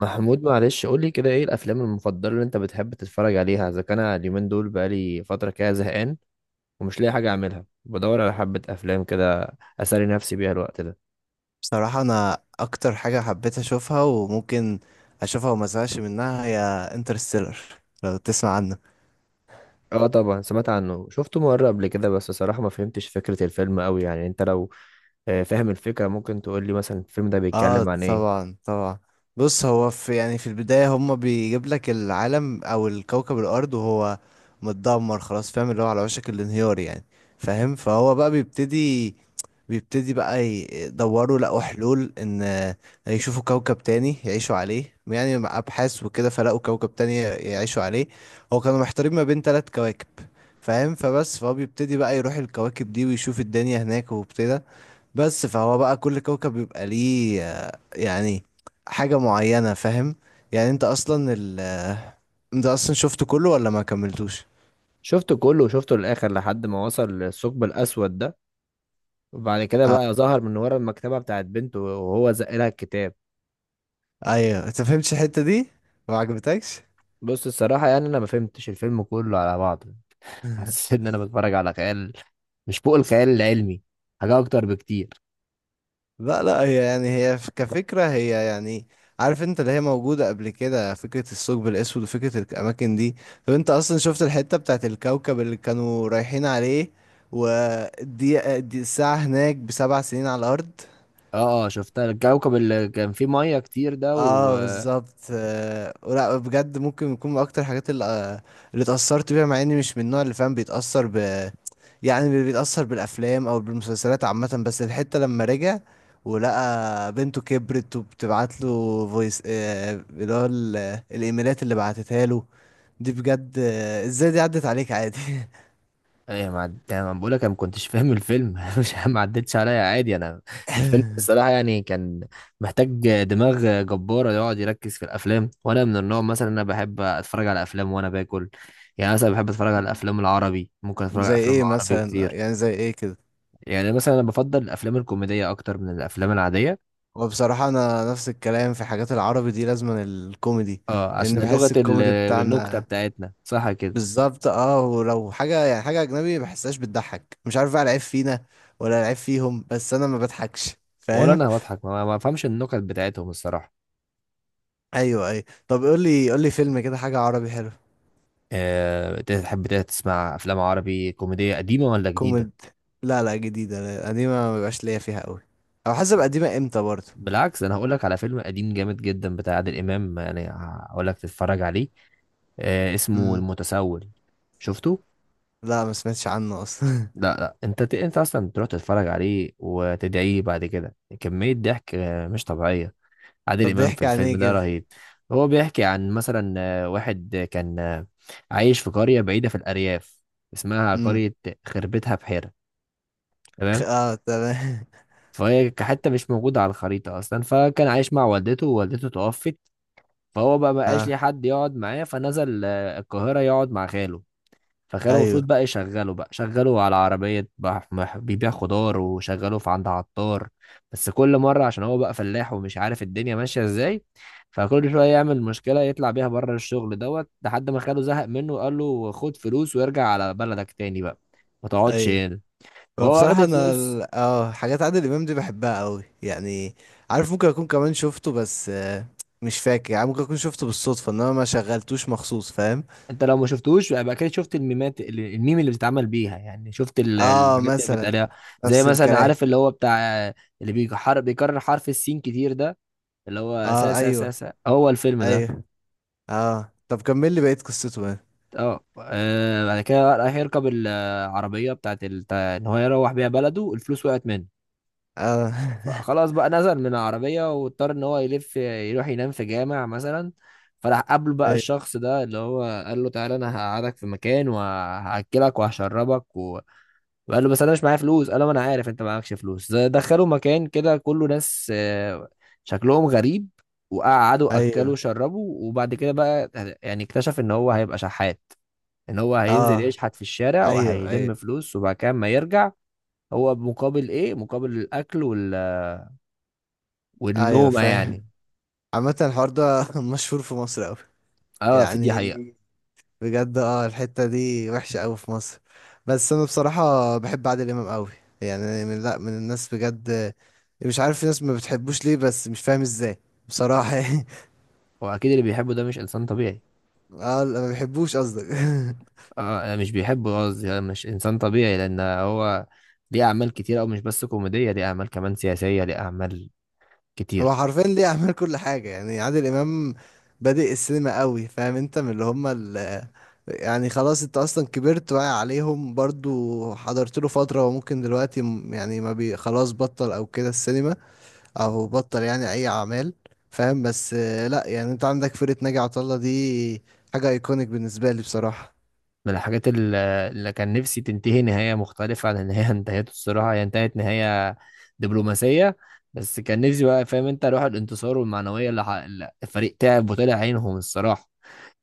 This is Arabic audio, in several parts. محمود معلش قول لي كده، ايه الافلام المفضله اللي انت بتحب تتفرج عليها؟ اذا كان اليومين دول بقالي فتره كده زهقان ومش لاقي حاجه اعملها، بدور على حبه افلام كده اسالي نفسي بيها الوقت ده. بصراحة، أنا أكتر حاجة حبيت أشوفها وممكن أشوفها وما أزهقش منها هي انترستيلر. لو تسمع عنه؟ اه طبعا سمعت عنه، شفته مره قبل كده بس صراحه ما فهمتش فكره الفيلم قوي. يعني انت لو فاهم الفكره ممكن تقول لي مثلا الفيلم ده آه، بيتكلم عن ايه؟ طبعا طبعا. بص، هو في البداية هما بيجيب لك العالم أو الكوكب الأرض، وهو متدمر خلاص، فاهم؟ اللي هو على وشك الانهيار يعني. فاهم؟ فهو بقى بيبتدي بقى يدوروا، لقوا حلول ان يشوفوا كوكب تاني يعيشوا عليه يعني، مع ابحاث وكده، فلقوا كوكب تاني يعيشوا عليه. هو كانوا محتارين ما بين 3 كواكب، فاهم؟ فهو بيبتدي بقى يروح الكواكب دي ويشوف الدنيا هناك، وابتدى. بس فهو بقى كل كوكب بيبقى ليه يعني حاجة معينة، فاهم؟ يعني انت اصلا شفته كله ولا ما كملتوش؟ شفته كله وشفته للاخر لحد ما وصل للثقب الاسود ده، وبعد كده آه. بقى ظهر من ورا المكتبه بتاعت بنته وهو زق لها الكتاب. ايوه، انت فهمتش الحتة دي؟ ما عجبتكش؟ بص الصراحه يعني انا ما فهمتش الفيلم كله على بعضه. حسيت ان انا بتفرج على خيال، مش فوق الخيال العلمي، حاجه اكتر بكتير. لا، لا. هي يعني هي كفكرة، هي يعني، عارف انت، اللي هي موجودة قبل كده، فكرة الثقب الأسود وفكرة الأماكن دي. طب انت أصلا شفت الحتة بتاعت الكوكب اللي كانوا رايحين عليه؟ ودي الساعة هناك بـ7 سنين على الأرض. اه اه، شفتها الكوكب اللي كان فيه ميه كتير ده، و اه، بالظبط. ولا بجد ممكن يكون من اكتر الحاجات اللي اتأثرت بيها، مع اني مش من النوع اللي، فاهم، بيتأثر ب، يعني بيتأثر بالافلام او بالمسلسلات عامة. بس الحتة لما رجع ولقى بنته كبرت وبتبعت له فويس، اللي هو الايميلات اللي بعتتها له، دي بجد ازاي دي عدت عليك عادي؟ ايه ما بقول لك انا ما كنتش فاهم الفيلم، مش ما عدتش عليا عادي. انا الفيلم الصراحه يعني كان محتاج دماغ جباره يقعد يركز في الافلام، وانا من النوع مثلا انا بحب اتفرج على افلام وانا باكل. يعني مثلا بحب اتفرج على مم. الافلام العربي، ممكن اتفرج على زي افلام ايه عربي مثلا؟ كتير. يعني زي ايه كده؟ يعني مثلا انا بفضل الافلام الكوميديه اكتر من الافلام العاديه. وبصراحة، أنا نفس الكلام في حاجات العربي دي، لازما الكوميدي، اه عشان لأن بحس الكوميدي النكتة بتاعنا. بتاعتنا، صح كده؟ بالظبط، ولو حاجة يعني حاجة أجنبي بحسهاش بتضحك، مش عارف بقى العيب فينا ولا العيب فيهم، بس أنا ما بضحكش ولا فاهم؟ انا بضحك، ما بفهمش النكت بتاعتهم الصراحة. أيوه أيوه، طب قولي، قولي فيلم كده، حاجة عربي حلو. أه، تحب تسمع افلام عربي كوميدية قديمة ولا جديدة؟ كوميد لا لا، جديدة. لا، قديمة ما بيبقاش ليا فيها أوي، أو حسب قديمة إمتى برضه. بالعكس انا هقول لك على فيلم قديم جامد جدا بتاع عادل امام، يعني هقول لك تتفرج عليه. أه اسمه امم المتسول، شفته؟ لا، ما سمعتش عنه أصلا. لا لا انت انت اصلا تروح تتفرج عليه وتدعيه بعد كده، كمية ضحك مش طبيعية. عادل طب إمام في بيحكي عن الفيلم إيه ده كده؟ رهيب. هو بيحكي عن مثلا واحد كان عايش في قرية بعيدة في الأرياف، اسمها امم قرية خربتها بحيرة، تمام. اه، تمام. فهي حتة مش موجودة على الخريطة أصلا، فكان عايش مع والدته ووالدته توفت. فهو بقى مبقاش ليه اه، حد يقعد معاه، فنزل القاهرة يقعد مع خاله. فكانوا المفروض أيوه بقى يشغلوا بقى شغلوا على عربية بيبيع خضار، وشغلوه في عند عطار. بس كل مرة عشان هو بقى فلاح ومش عارف الدنيا ماشية ازاي، فكل شوية يعمل مشكلة يطلع بيها بره الشغل دوت، لحد ما خاله زهق منه وقال له خد فلوس وارجع على بلدك تاني بقى، ما تقعدش أيوه، هنا. هو فهو واخد بصراحة أنا الفلوس. حاجات عادل إمام دي بحبها أوي يعني. عارف، ممكن أكون كمان شفته، بس مش فاكر، يعني ممكن أكون شفته بالصدفة إنما ما شغلتوش مخصوص، فاهم؟ انت لو ما شفتوش يبقى كده شفت الميم اللي بتتعمل بيها، يعني شفت اه، الحاجات اللي مثلا. بتقالها. زي نفس مثلا الكلام. عارف اللي هو بتاع اللي بيكرر حرف السين كتير ده، اللي هو سا اه، سا سا أيوه سا، هو الفيلم ده. أيوه، اه، طب كمل لي بقية قصته بقى. اه بعد كده راح يركب العربية بتاع ان هو يروح بيها بلده، الفلوس وقعت منه. اه فخلاص بقى نزل من العربية واضطر ان هو يلف يروح ينام في جامع مثلا. فراح قابله بقى أيوه الشخص ده اللي هو قال له تعالى انا هقعدك في مكان وهاكلك وهشربك. قال له بس انا مش معايا فلوس، قال له ما انا عارف انت معاكش فلوس. دخلوا مكان كده كله ناس شكلهم غريب، وقعدوا اكلوا أيوه، وشربوا وبعد كده بقى يعني اكتشف ان هو هيبقى شحات، ان هو هينزل اه، يشحت في الشارع أيوه وهيلم أيوه فلوس وبعد كده اما يرجع. هو مقابل ايه؟ مقابل الاكل وال أيوه، والنومة فاهم؟ يعني. عامة الحوار ده مشهور في مصر أوي، اه في دي يعني. حقيقة. بجد، الحتة دي وحشة قوي في مصر. بس انا بصراحة بحب عادل امام قوي، يعني من، لا، من الناس بجد. مش عارف في ناس ما بتحبوش ليه، بس مش فاهم ازاي، بصراحة يعني. واكيد اللي بيحبه ده مش انسان طبيعي. اه، لا، ما بيحبوش قصدك اه مش بيحبه قصدي، مش انسان طبيعي لان هو ليه اعمال كتير، او مش بس كوميدية، ليه اعمال كمان سياسية، ليه اعمال كتير. هو حرفيا ليه اعمال كل حاجة يعني، عادل امام بادئ السينما قوي، فاهم انت؟ من اللي هم ال، يعني خلاص، انت اصلا كبرت واعي عليهم برضو، حضرت له فترة، وممكن دلوقتي يعني ما بي خلاص بطل او كده السينما، او بطل يعني اي اعمال، فاهم؟ بس لا يعني، انت عندك فرقة ناجي عطا الله دي، حاجة ايكونيك بالنسبة لي بصراحة. من اللي كان نفسي تنتهي نهاية مختلفة عن اللي هي انتهت، الصراحة هي انتهت نهاية دبلوماسية. بس كان نفسي بقى، فاهم انت، روح الانتصار والمعنوية اللي الفريق تعب وطلع عينهم الصراحة،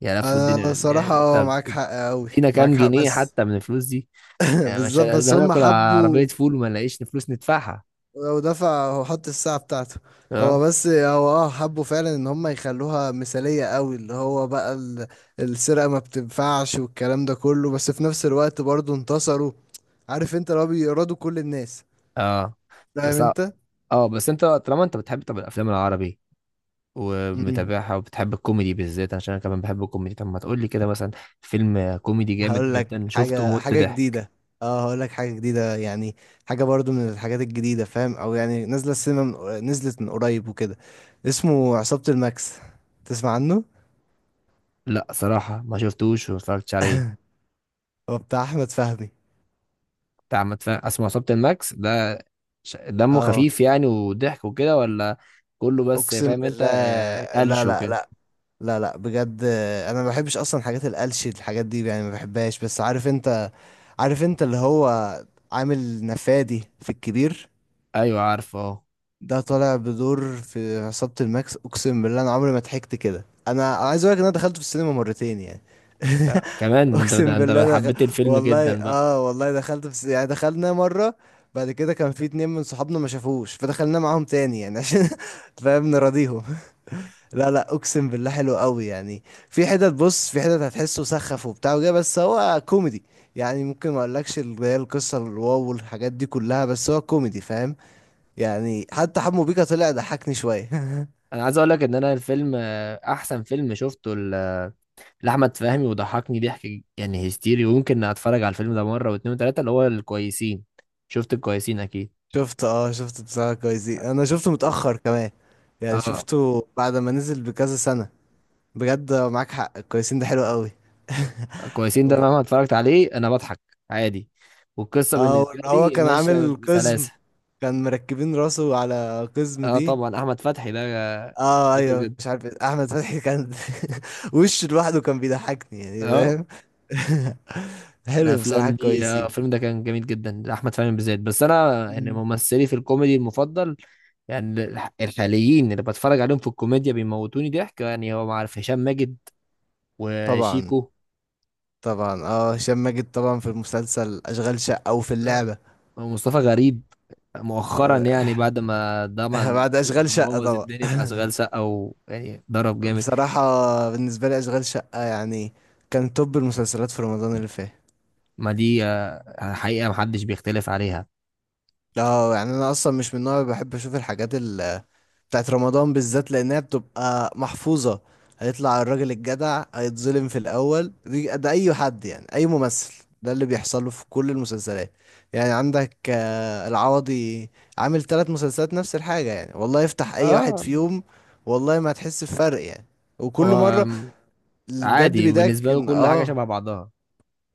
يا لفوا انا الدنيا صراحة، يعني. طب معاك حق قوي، ادينا معاك كام حق، جنيه بس حتى من الفلوس دي. يعني مش بالظبط. بس هم هناكل عربية حبوا. فول وما نلاقيش فلوس ندفعها. لو دفع هو حط الساعة بتاعته. هو اه بس هو اه حبوا فعلا ان هم يخلوها مثالية قوي، اللي هو بقى السرقة ما بتنفعش والكلام ده كله، بس في نفس الوقت برضه انتصروا، عارف انت، اللي هو بيرادوا كل الناس، اه، فاهم بس انت؟ اه، بس انت طالما انت بتحب طب الافلام العربي ومتابعها وبتحب الكوميدي بالذات، عشان انا كمان بحب الكوميدي، طب ما تقول لي كده مثلا فيلم كوميدي جامد هقول لك جدا شفته حاجة ومت حاجة ضحك. جديدة اه هقول لك حاجة جديدة يعني، حاجة برضو من الحاجات الجديدة، فاهم؟ او يعني نازلة السينما نزلت من قريب وكده. اسمه عصابة الماكس، تسمع عنه؟ لا صراحة ما شفتوش وما اتفرجتش عليه. هو بتاع احمد فهمي. بتاع احمد فهمي اسمه عصابة الماكس ده، دمه اه، خفيف يعني وضحك وكده، ولا كله بس اقسم فاهم انت بالله. لا قلش لا وكده؟ لا، لا لا، بجد انا ما بحبش اصلا حاجات القلش، الحاجات دي يعني ما بحبهاش، بس عارف انت اللي هو عامل نفادي في الكبير، ايوه عارفه اه. ده طالع بدور في عصابة الماكس. اقسم بالله انا عمري ما ضحكت كده. انا أنا عايز اقول لك ان انا دخلت في السينما مرتين يعني كمان ده انت، اقسم ده انت بالله حبيت الفيلم والله، جدا بقى. والله دخلت في يعني دخلنا مرة، بعد كده كان في اتنين من صحابنا ما شافوش فدخلنا معاهم تاني يعني، عشان فاهم، نراضيهم. لا لا، اقسم بالله حلو قوي يعني. في حتت بص في حتت هتحسه سخف وبتاع وجا، بس هو كوميدي يعني. ممكن ما اقولكش اللي هي القصة الواو والحاجات دي كلها، بس هو كوميدي، فاهم؟ يعني حتى حمو بيكا طلع ضحكني شوية انا عايز اقول لك ان انا الفيلم احسن فيلم شفته لأحمد فهمي، وضحكني ضحك يعني هستيري، ويمكن اتفرج على الفيلم ده مرة واتنين وتلاتة. اللي هو الكويسين، شفت الكويسين اكيد. شفت بصراحة كويسين. انا شفته متأخر كمان يعني، اه شفته بعد ما نزل بكذا سنة. بجد معاك حق، كويسين ده حلو قوي الكويسين ده مهما اتفرجت عليه انا بضحك عادي، والقصة اه، بالنسبة وإن هو لي كان ماشية عامل قزم، بسلاسة. كان مركبين راسه على قزم اه دي. طبعا احمد فتحي ده اه، شاطر ايوه، جدا. مش عارف إيه، احمد فتحي كان وشه لوحده كان بيضحكني يعني، اه فاهم؟ حلو بصراحة، الافلام دي، اه كويسين. الفيلم ده كان جميل جدا، احمد فهمي بالذات. بس انا يعني مم. ممثلي في الكوميدي المفضل، يعني الحاليين اللي بتفرج عليهم في الكوميديا بيموتوني ضحك، يعني هو عارف هشام ماجد طبعا، وشيكو. طبعا، اه، هشام ماجد طبعا في المسلسل اشغال شقة او في آه، اللعبة. هو مصطفى غريب مؤخرا، آه، يعني بعد ما طبعا بعد اشغال شقة بوظ طبعا الدنيا في اشغال شقه ويعني ضرب جامد. بصراحة بالنسبة لي اشغال شقة يعني كان توب المسلسلات في رمضان اللي فات. ما دي حقيقه محدش بيختلف عليها. اه، يعني انا اصلا مش من النوع اللي بحب اشوف الحاجات بتاعت رمضان، بالذات لانها بتبقى محفوظة. هيطلع الراجل الجدع هيتظلم في الاول، دي ده اي حد يعني، اي ممثل، ده اللي بيحصل له في كل المسلسلات. يعني عندك العوضي عامل 3 مسلسلات نفس الحاجة يعني، والله افتح اي واحد اه فيهم، والله ما هتحس بفرق يعني. وكل هو مرة اللي بجد عادي بيضايقك وبالنسبه له ان كل حاجه شبه بعضها.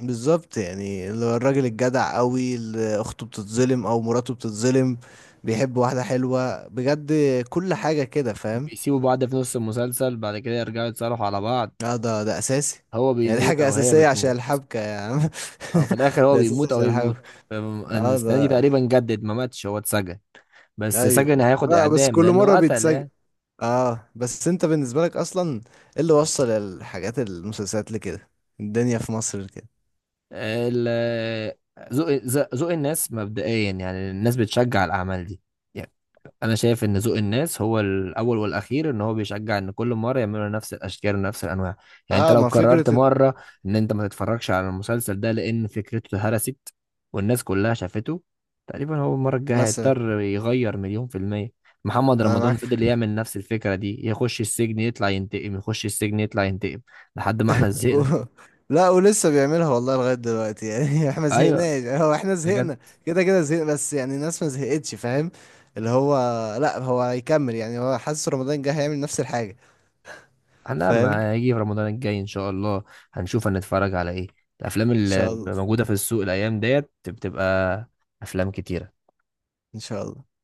بالظبط، يعني اللي هو الراجل الجدع قوي اللي اخته بتتظلم او مراته بتتظلم، بيحب واحدة حلوة، بجد كل حاجة كده، فاهم؟ بيسيبوا بعض في نص المسلسل بعد كده يرجعوا يتصالحوا على بعض. اه، ده اساسي. هو يعني دي بيموت حاجة او هي اساسية عشان بتموت، الحبكة يا عم او في الاخر هو ده اساسي بيموت او عشان هي الحبكة. بتموت. اه، السنه دي ده، تقريبا جدد ما ماتش، هو اتسجن، بس ايوه. سجن هياخد لا، بس اعدام كل مرة لانه قتل بيتسجل. يعني. اه، بس انت بالنسبة لك اصلا ايه اللي وصل المسلسلات لكده، الدنيا في مصر كده؟ ال- ذوق ذوق الناس مبدئيا، يعني الناس بتشجع الأعمال دي. يعني أنا شايف إن ذوق الناس هو الأول والأخير، إن هو بيشجع إن كل مرة يعملوا نفس الأشكال ونفس الأنواع. يعني أنت اه، لو ما قررت فكرة ان، مرة إن أنت ما تتفرجش على المسلسل ده لأن فكرته هرست والناس كلها شافته، تقريبا هو المرة الجاية مثلا، هيضطر يغير 100%. محمد انا رمضان معاك حق. فضل يعمل نفس الفكرة دي، يخش السجن يطلع ينتقم، يخش السجن يطلع ينتقم، لحد ما احنا زهقنا. و- لا، ولسه بيعملها والله لغاية دلوقتي يعني احنا ما أيوه زهقناش، هو احنا بجد. زهقنا، كده كده زهقنا، بس يعني الناس ما زهقتش، فاهم؟ اللي هو، لا، هو هيكمل، يعني هو حاسس رمضان جه هيعمل نفس الحاجة، لا فاهم ان، ما هيجي في رمضان الجاي ان شاء الله، هنشوف هنتفرج على ايه. الافلام اللي شاء الله، موجوده في السوق الايام ديت بتبقى افلام كتيره. ان شاء الله.